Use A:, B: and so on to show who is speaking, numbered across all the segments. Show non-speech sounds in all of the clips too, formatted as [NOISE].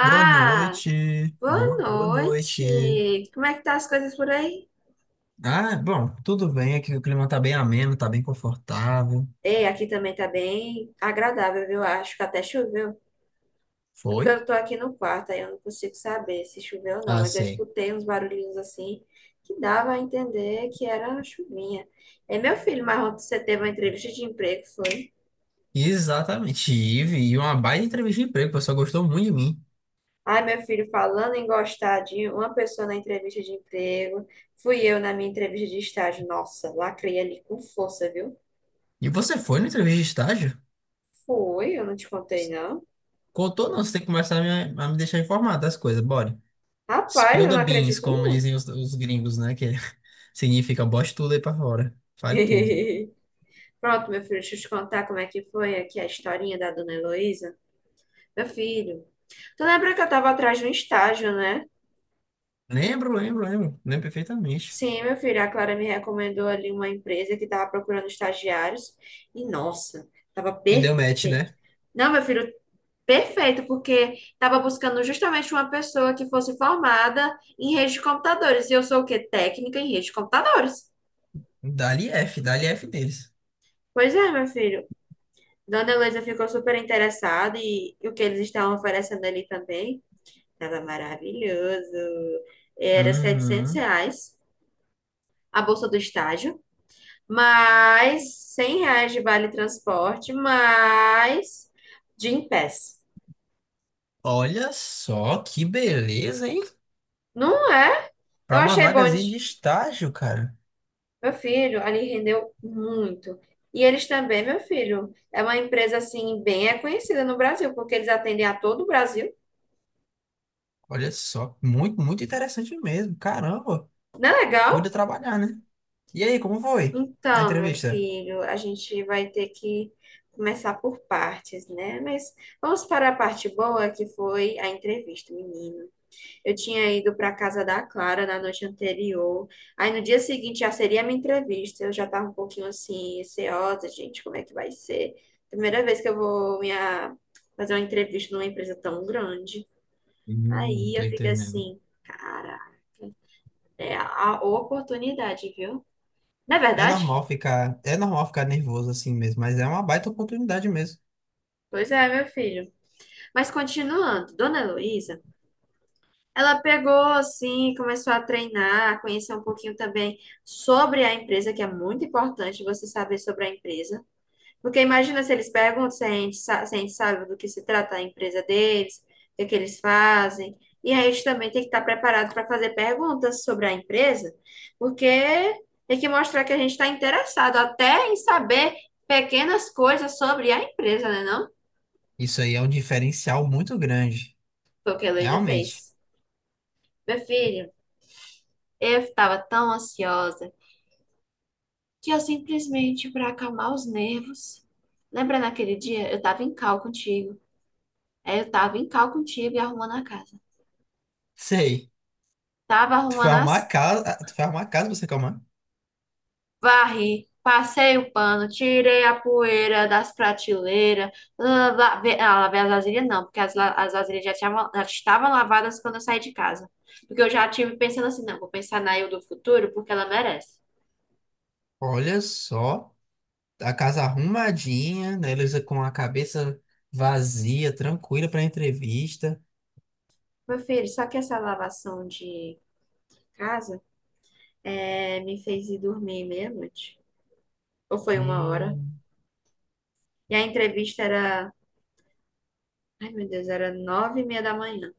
A: Boa noite,
B: Boa
A: boa noite.
B: noite! Como é que tá as coisas por aí?
A: Ah, bom, tudo bem, aqui o clima tá bem ameno, tá bem confortável.
B: Ei, aqui também tá bem agradável, viu? Acho que até choveu. É
A: Foi?
B: porque eu tô aqui no quarto, aí eu não consigo saber se choveu ou não,
A: Ah,
B: mas eu
A: sei.
B: escutei uns barulhinhos assim que dava a entender que era uma chuvinha. É, meu filho, mas ontem você teve uma entrevista de emprego, foi?
A: Exatamente, Ive, e uma baita entrevista de emprego, o pessoal gostou muito de mim.
B: Ai, meu filho, falando em gostar de uma pessoa na entrevista de emprego, fui eu na minha entrevista de estágio. Nossa, lacrei ali com força, viu?
A: E você foi na entrevista de estágio?
B: Foi, eu não te contei, não.
A: Contou não, você tem que começar a me deixar informado das coisas, bora.
B: Rapaz,
A: Spill
B: eu
A: the
B: não
A: beans,
B: acredito,
A: como
B: não.
A: dizem os gringos, né, que [LAUGHS] significa bote tudo aí pra fora, fale tudo.
B: [LAUGHS] Pronto, meu filho, deixa eu te contar como é que foi aqui a historinha da Dona Heloísa. Meu filho, tu lembra que eu tava atrás de um estágio, né?
A: Lembro, perfeitamente.
B: Sim, meu filho, a Clara me recomendou ali uma empresa que tava procurando estagiários. E, nossa, tava
A: E deu match,
B: perfeito.
A: né?
B: Não, meu filho, perfeito, porque tava buscando justamente uma pessoa que fosse formada em rede de computadores. E eu sou o quê? Técnica em rede de computadores.
A: Dali F deles.
B: Pois é, meu filho. Dona Heloísa ficou super interessada e o que eles estavam oferecendo ali também estava maravilhoso. Era 700
A: Uhum.
B: reais a bolsa do estágio, mais R$ 100 de vale transporte, mais Gym Pass.
A: Olha só que beleza, hein?
B: Não é? Eu
A: Para uma
B: achei bom.
A: vagazinha de estágio, cara.
B: Meu filho, ali rendeu muito. E eles também, meu filho, é uma empresa assim bem conhecida no Brasil, porque eles atendem a todo o Brasil.
A: Olha só, muito interessante mesmo. Caramba,
B: Não é
A: cuida
B: legal?
A: trabalhar, né? E aí, como foi na
B: Então, meu
A: entrevista?
B: filho, a gente vai ter que começar por partes, né? Mas vamos para a parte boa, que foi a entrevista, menino. Eu tinha ido para a casa da Clara na noite anterior. Aí no dia seguinte já seria a minha entrevista. Eu já estava um pouquinho assim, receosa, gente, como é que vai ser? Primeira vez que eu vou minha... fazer uma entrevista numa empresa tão grande. Aí
A: Tô
B: eu fico
A: entendendo.
B: assim, cara, é a oportunidade, viu? Não é
A: É
B: verdade?
A: normal ficar, é normal ficar nervoso assim mesmo, mas é uma baita oportunidade mesmo.
B: Pois é, meu filho. Mas continuando, Dona Heloísa, ela pegou assim, começou a treinar, conhecer um pouquinho também sobre a empresa, que é muito importante você saber sobre a empresa. Porque imagina se eles perguntam se a gente sabe do que se trata a empresa deles, o que, que eles fazem. E aí a gente também tem que estar preparado para fazer perguntas sobre a empresa, porque tem que mostrar que a gente está interessado até em saber pequenas coisas sobre a empresa, né, não?
A: Isso aí é um diferencial muito grande,
B: Foi o que a Heloísa fez.
A: realmente.
B: Meu filho. Eu estava tão ansiosa que eu simplesmente, para acalmar os nervos, lembra naquele dia? Eu estava em cal contigo. Aí eu estava em cal contigo e arrumando a casa.
A: Sei.
B: Tava
A: Tu foi
B: arrumando
A: arrumar a
B: as...
A: casa, ah, tu foi arrumar a casa pra você calmar.
B: Varri, passei o pano, tirei a poeira das prateleiras. Lavei, ah, lavei as vasilhas não, porque as vasilhas já, já estavam lavadas quando eu saí de casa. Porque eu já tive pensando assim, não, vou pensar na eu do futuro porque ela merece.
A: Olha só, a casa arrumadinha, né? Eles com a cabeça vazia, tranquila pra entrevista.
B: Meu filho, só que essa lavação de casa é, me fez ir dormir meia-noite. Ou foi 1h.
A: Hum,
B: E a entrevista era, ai meu Deus, era 9h30 da manhã.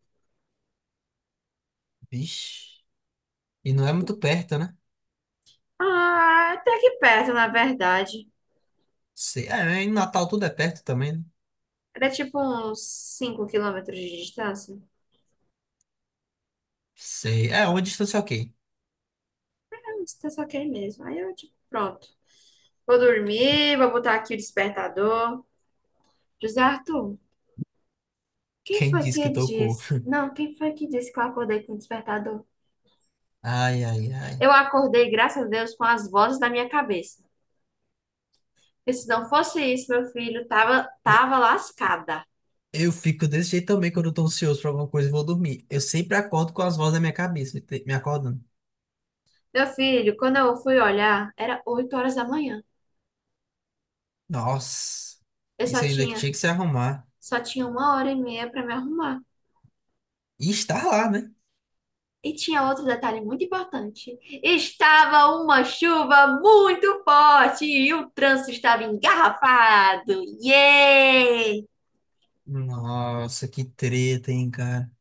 A: vixe. E não é muito perto, né?
B: Ah, até que perto, na verdade.
A: Sei. É, né? Em Natal tudo é perto também, né?
B: Era tipo uns 5 km de distância.
A: Sei. É, uma distância ok.
B: É uma distância ok mesmo. Aí eu, tipo, pronto. Vou dormir, vou botar aqui o despertador. José Arthur, quem
A: Quem
B: foi
A: disse que
B: que
A: tocou?
B: disse? Não, quem foi que disse que eu acordei com o despertador?
A: Ai, ai, ai.
B: Eu acordei, graças a Deus, com as vozes da minha cabeça. Porque se não fosse isso, meu filho tava,
A: Não,
B: tava lascada.
A: eu fico desse jeito também quando eu tô ansioso pra alguma coisa e vou dormir. Eu sempre acordo com as vozes na minha cabeça, me acordando.
B: Meu filho, quando eu fui olhar, era 8h da manhã.
A: Nossa,
B: Eu
A: isso
B: só
A: ainda que
B: tinha,
A: tinha que se arrumar.
B: só tinha 1h30 para me arrumar.
A: E estar lá, né?
B: E tinha outro detalhe muito importante. Estava uma chuva muito forte e o trânsito estava engarrafado. Yay!
A: Nossa, que treta, hein, cara.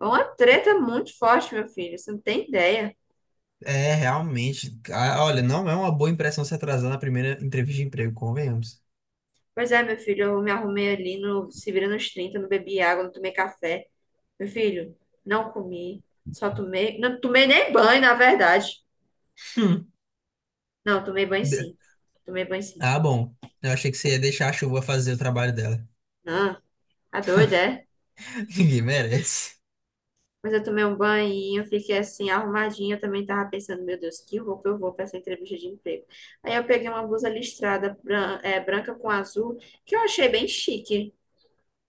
B: Foi uma treta muito forte, meu filho. Você não tem ideia.
A: É, realmente. Ah, olha, não é uma boa impressão se atrasar na primeira entrevista de emprego, convenhamos.
B: Pois é, meu filho, eu me arrumei ali no se vira nos trinta, não bebi água, não tomei café. Meu filho, não comi, só tomei, não tomei nem banho, na verdade.
A: Hum.
B: Não, tomei banho
A: De-
B: sim. Tomei banho sim.
A: Ah, bom. Eu achei que você ia deixar a chuva fazer o trabalho dela.
B: Não, tá doida, é?
A: [LAUGHS] Ninguém merece.
B: Mas eu tomei um banho, fiquei assim, arrumadinha. Eu também tava pensando, meu Deus, que roupa eu vou pra essa entrevista de emprego. Aí eu peguei uma blusa listrada, branca com azul, que eu achei bem chique.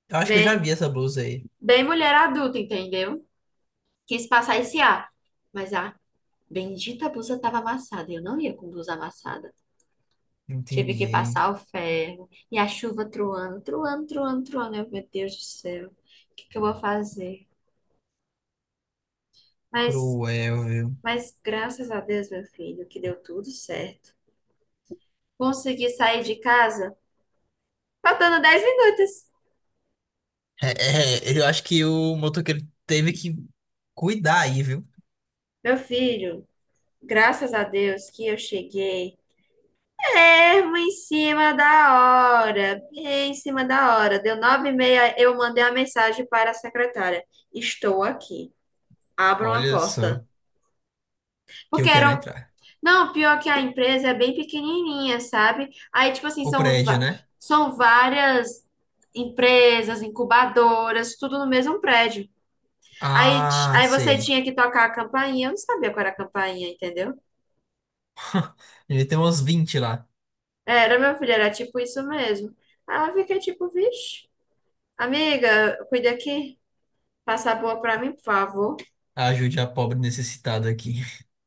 A: Eu acho que eu já
B: Bem,
A: vi essa blusa aí.
B: bem mulher adulta, entendeu? Quis passar esse ar. Mas a bendita blusa tava amassada. Eu não ia com blusa amassada. Tive que
A: Entendi.
B: passar o ferro. E a chuva truando, truando, truando, truando. Eu, meu Deus do céu, o que que eu vou fazer? Mas,
A: Cruel, viu?
B: mas graças a Deus, meu filho, que deu tudo certo. Consegui sair de casa faltando 10 minutos.
A: É, é, eu acho que o motoqueiro teve que cuidar aí, viu?
B: Meu filho, graças a Deus que eu cheguei. Mesmo em cima da hora, bem em cima da hora. Deu 9h30, eu mandei a mensagem para a secretária. Estou aqui. Abram a
A: Olha
B: porta.
A: só, que eu
B: Porque
A: quero
B: eram
A: entrar.
B: Não, pior que a empresa é bem pequenininha, sabe? Aí, tipo assim,
A: O
B: são,
A: prédio, né?
B: são várias empresas, incubadoras, tudo no mesmo prédio. Aí, ti-
A: Ah,
B: aí você
A: sei.
B: tinha que tocar a campainha. Eu não sabia qual era a campainha, entendeu?
A: [LAUGHS] Ele tem uns 20 lá.
B: Era, meu filho, era tipo isso mesmo. Aí eu fiquei tipo, vixe, amiga, cuida aqui. Passa a boa pra mim, por favor.
A: Ajude a pobre necessitada aqui.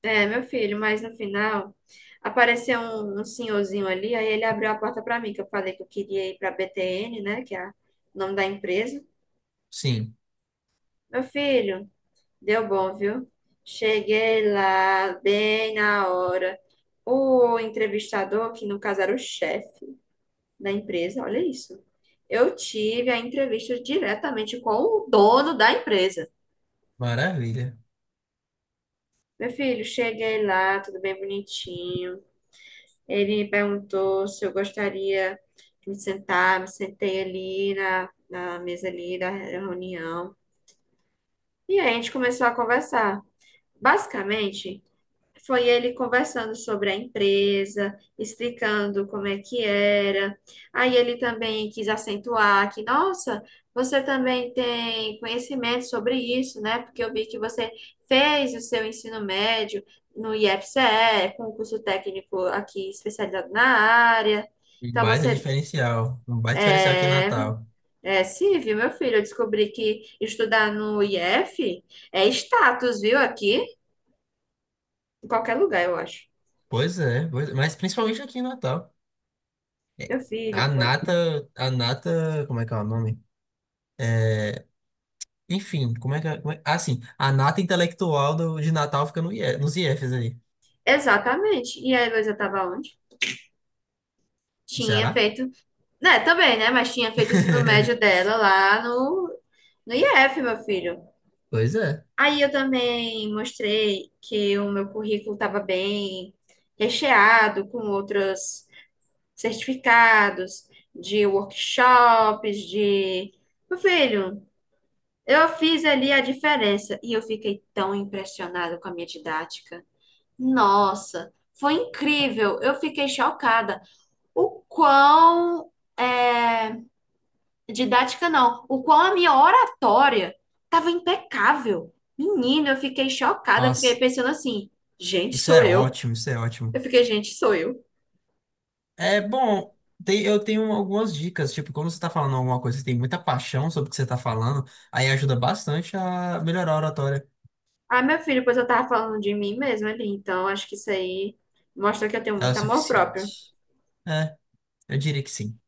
B: É, meu filho, mas no final apareceu um senhorzinho ali, aí ele abriu a porta pra mim, que eu falei que eu queria ir pra BTN, né, que é o nome da empresa.
A: Sim.
B: Meu filho, deu bom, viu? Cheguei lá bem na hora. O entrevistador, que no caso era o chefe da empresa, olha isso. Eu tive a entrevista diretamente com o dono da empresa.
A: Maravilha.
B: Meu filho, cheguei lá, tudo bem bonitinho. Ele me perguntou se eu gostaria de me sentar, me sentei ali na mesa ali da reunião. E aí a gente começou a conversar. Basicamente, foi ele conversando sobre a empresa, explicando como é que era. Aí ele também quis acentuar que, nossa, você também tem conhecimento sobre isso, né? Porque eu vi que você fez o seu ensino médio no IFCE, com um curso técnico aqui especializado na área.
A: Um
B: Então
A: baita
B: você
A: diferencial. Um baita diferencial aqui em
B: é,
A: Natal.
B: é sim, viu meu filho. Eu descobri que estudar no IF é status, viu? Aqui, em qualquer lugar, eu acho.
A: Pois é, mas principalmente aqui em Natal. É,
B: Meu filho,
A: a
B: foi.
A: nata, a nata, como é que é o nome? É, enfim, como é que é? Ah, sim, a nata intelectual do, de Natal fica no IE, nos IEFs aí.
B: Exatamente. E a Heloísa estava onde? Tinha
A: Será?
B: feito, né, também, né, mas tinha feito o ensino médio
A: [LAUGHS]
B: dela lá no IF, meu filho.
A: Pois é.
B: Aí eu também mostrei que o meu currículo estava bem recheado com outros certificados de workshops, de... Meu filho, eu fiz ali a diferença e eu fiquei tão impressionada com a minha didática. Nossa, foi incrível. Eu fiquei chocada. O quão é, didática não, o quão a minha oratória estava impecável. Menino, eu fiquei chocada, eu fiquei
A: Nossa,
B: pensando assim, gente,
A: isso
B: sou
A: é
B: eu.
A: ótimo, isso é
B: Eu
A: ótimo.
B: fiquei, gente, sou eu.
A: É bom, eu tenho algumas dicas, tipo, quando você tá falando alguma coisa, você tem muita paixão sobre o que você tá falando, aí ajuda bastante a melhorar a oratória.
B: Ah, meu filho, pois eu tava falando de mim mesma ali, então acho que isso aí mostra que eu tenho
A: Ela é o
B: muito amor próprio.
A: suficiente. É, eu diria que sim.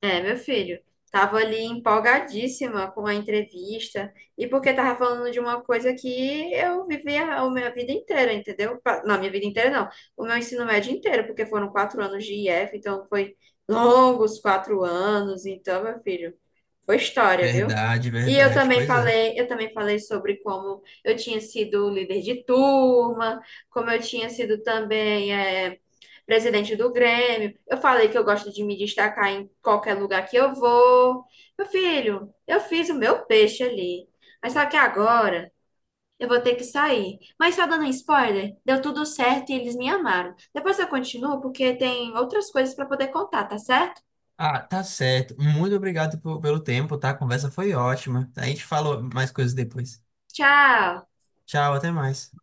B: É, meu filho, tava ali empolgadíssima com a entrevista e porque tava falando de uma coisa que eu vivi a minha vida inteira, entendeu? Não, minha vida inteira não, o meu ensino médio inteiro, porque foram 4 anos de IF, então foi longos 4 anos, então, meu filho, foi história, viu?
A: Verdade,
B: E
A: verdade. Pois é.
B: eu também falei sobre como eu tinha sido líder de turma, como eu tinha sido também, é, presidente do Grêmio. Eu falei que eu gosto de me destacar em qualquer lugar que eu vou. Meu filho, eu fiz o meu peixe ali. Mas só que agora eu vou ter que sair. Mas só dando um spoiler, deu tudo certo e eles me amaram. Depois eu continuo porque tem outras coisas para poder contar, tá certo?
A: Ah, tá certo. Muito obrigado pelo tempo, tá? A conversa foi ótima. A gente falou mais coisas depois.
B: Tchau!
A: Tchau, até mais.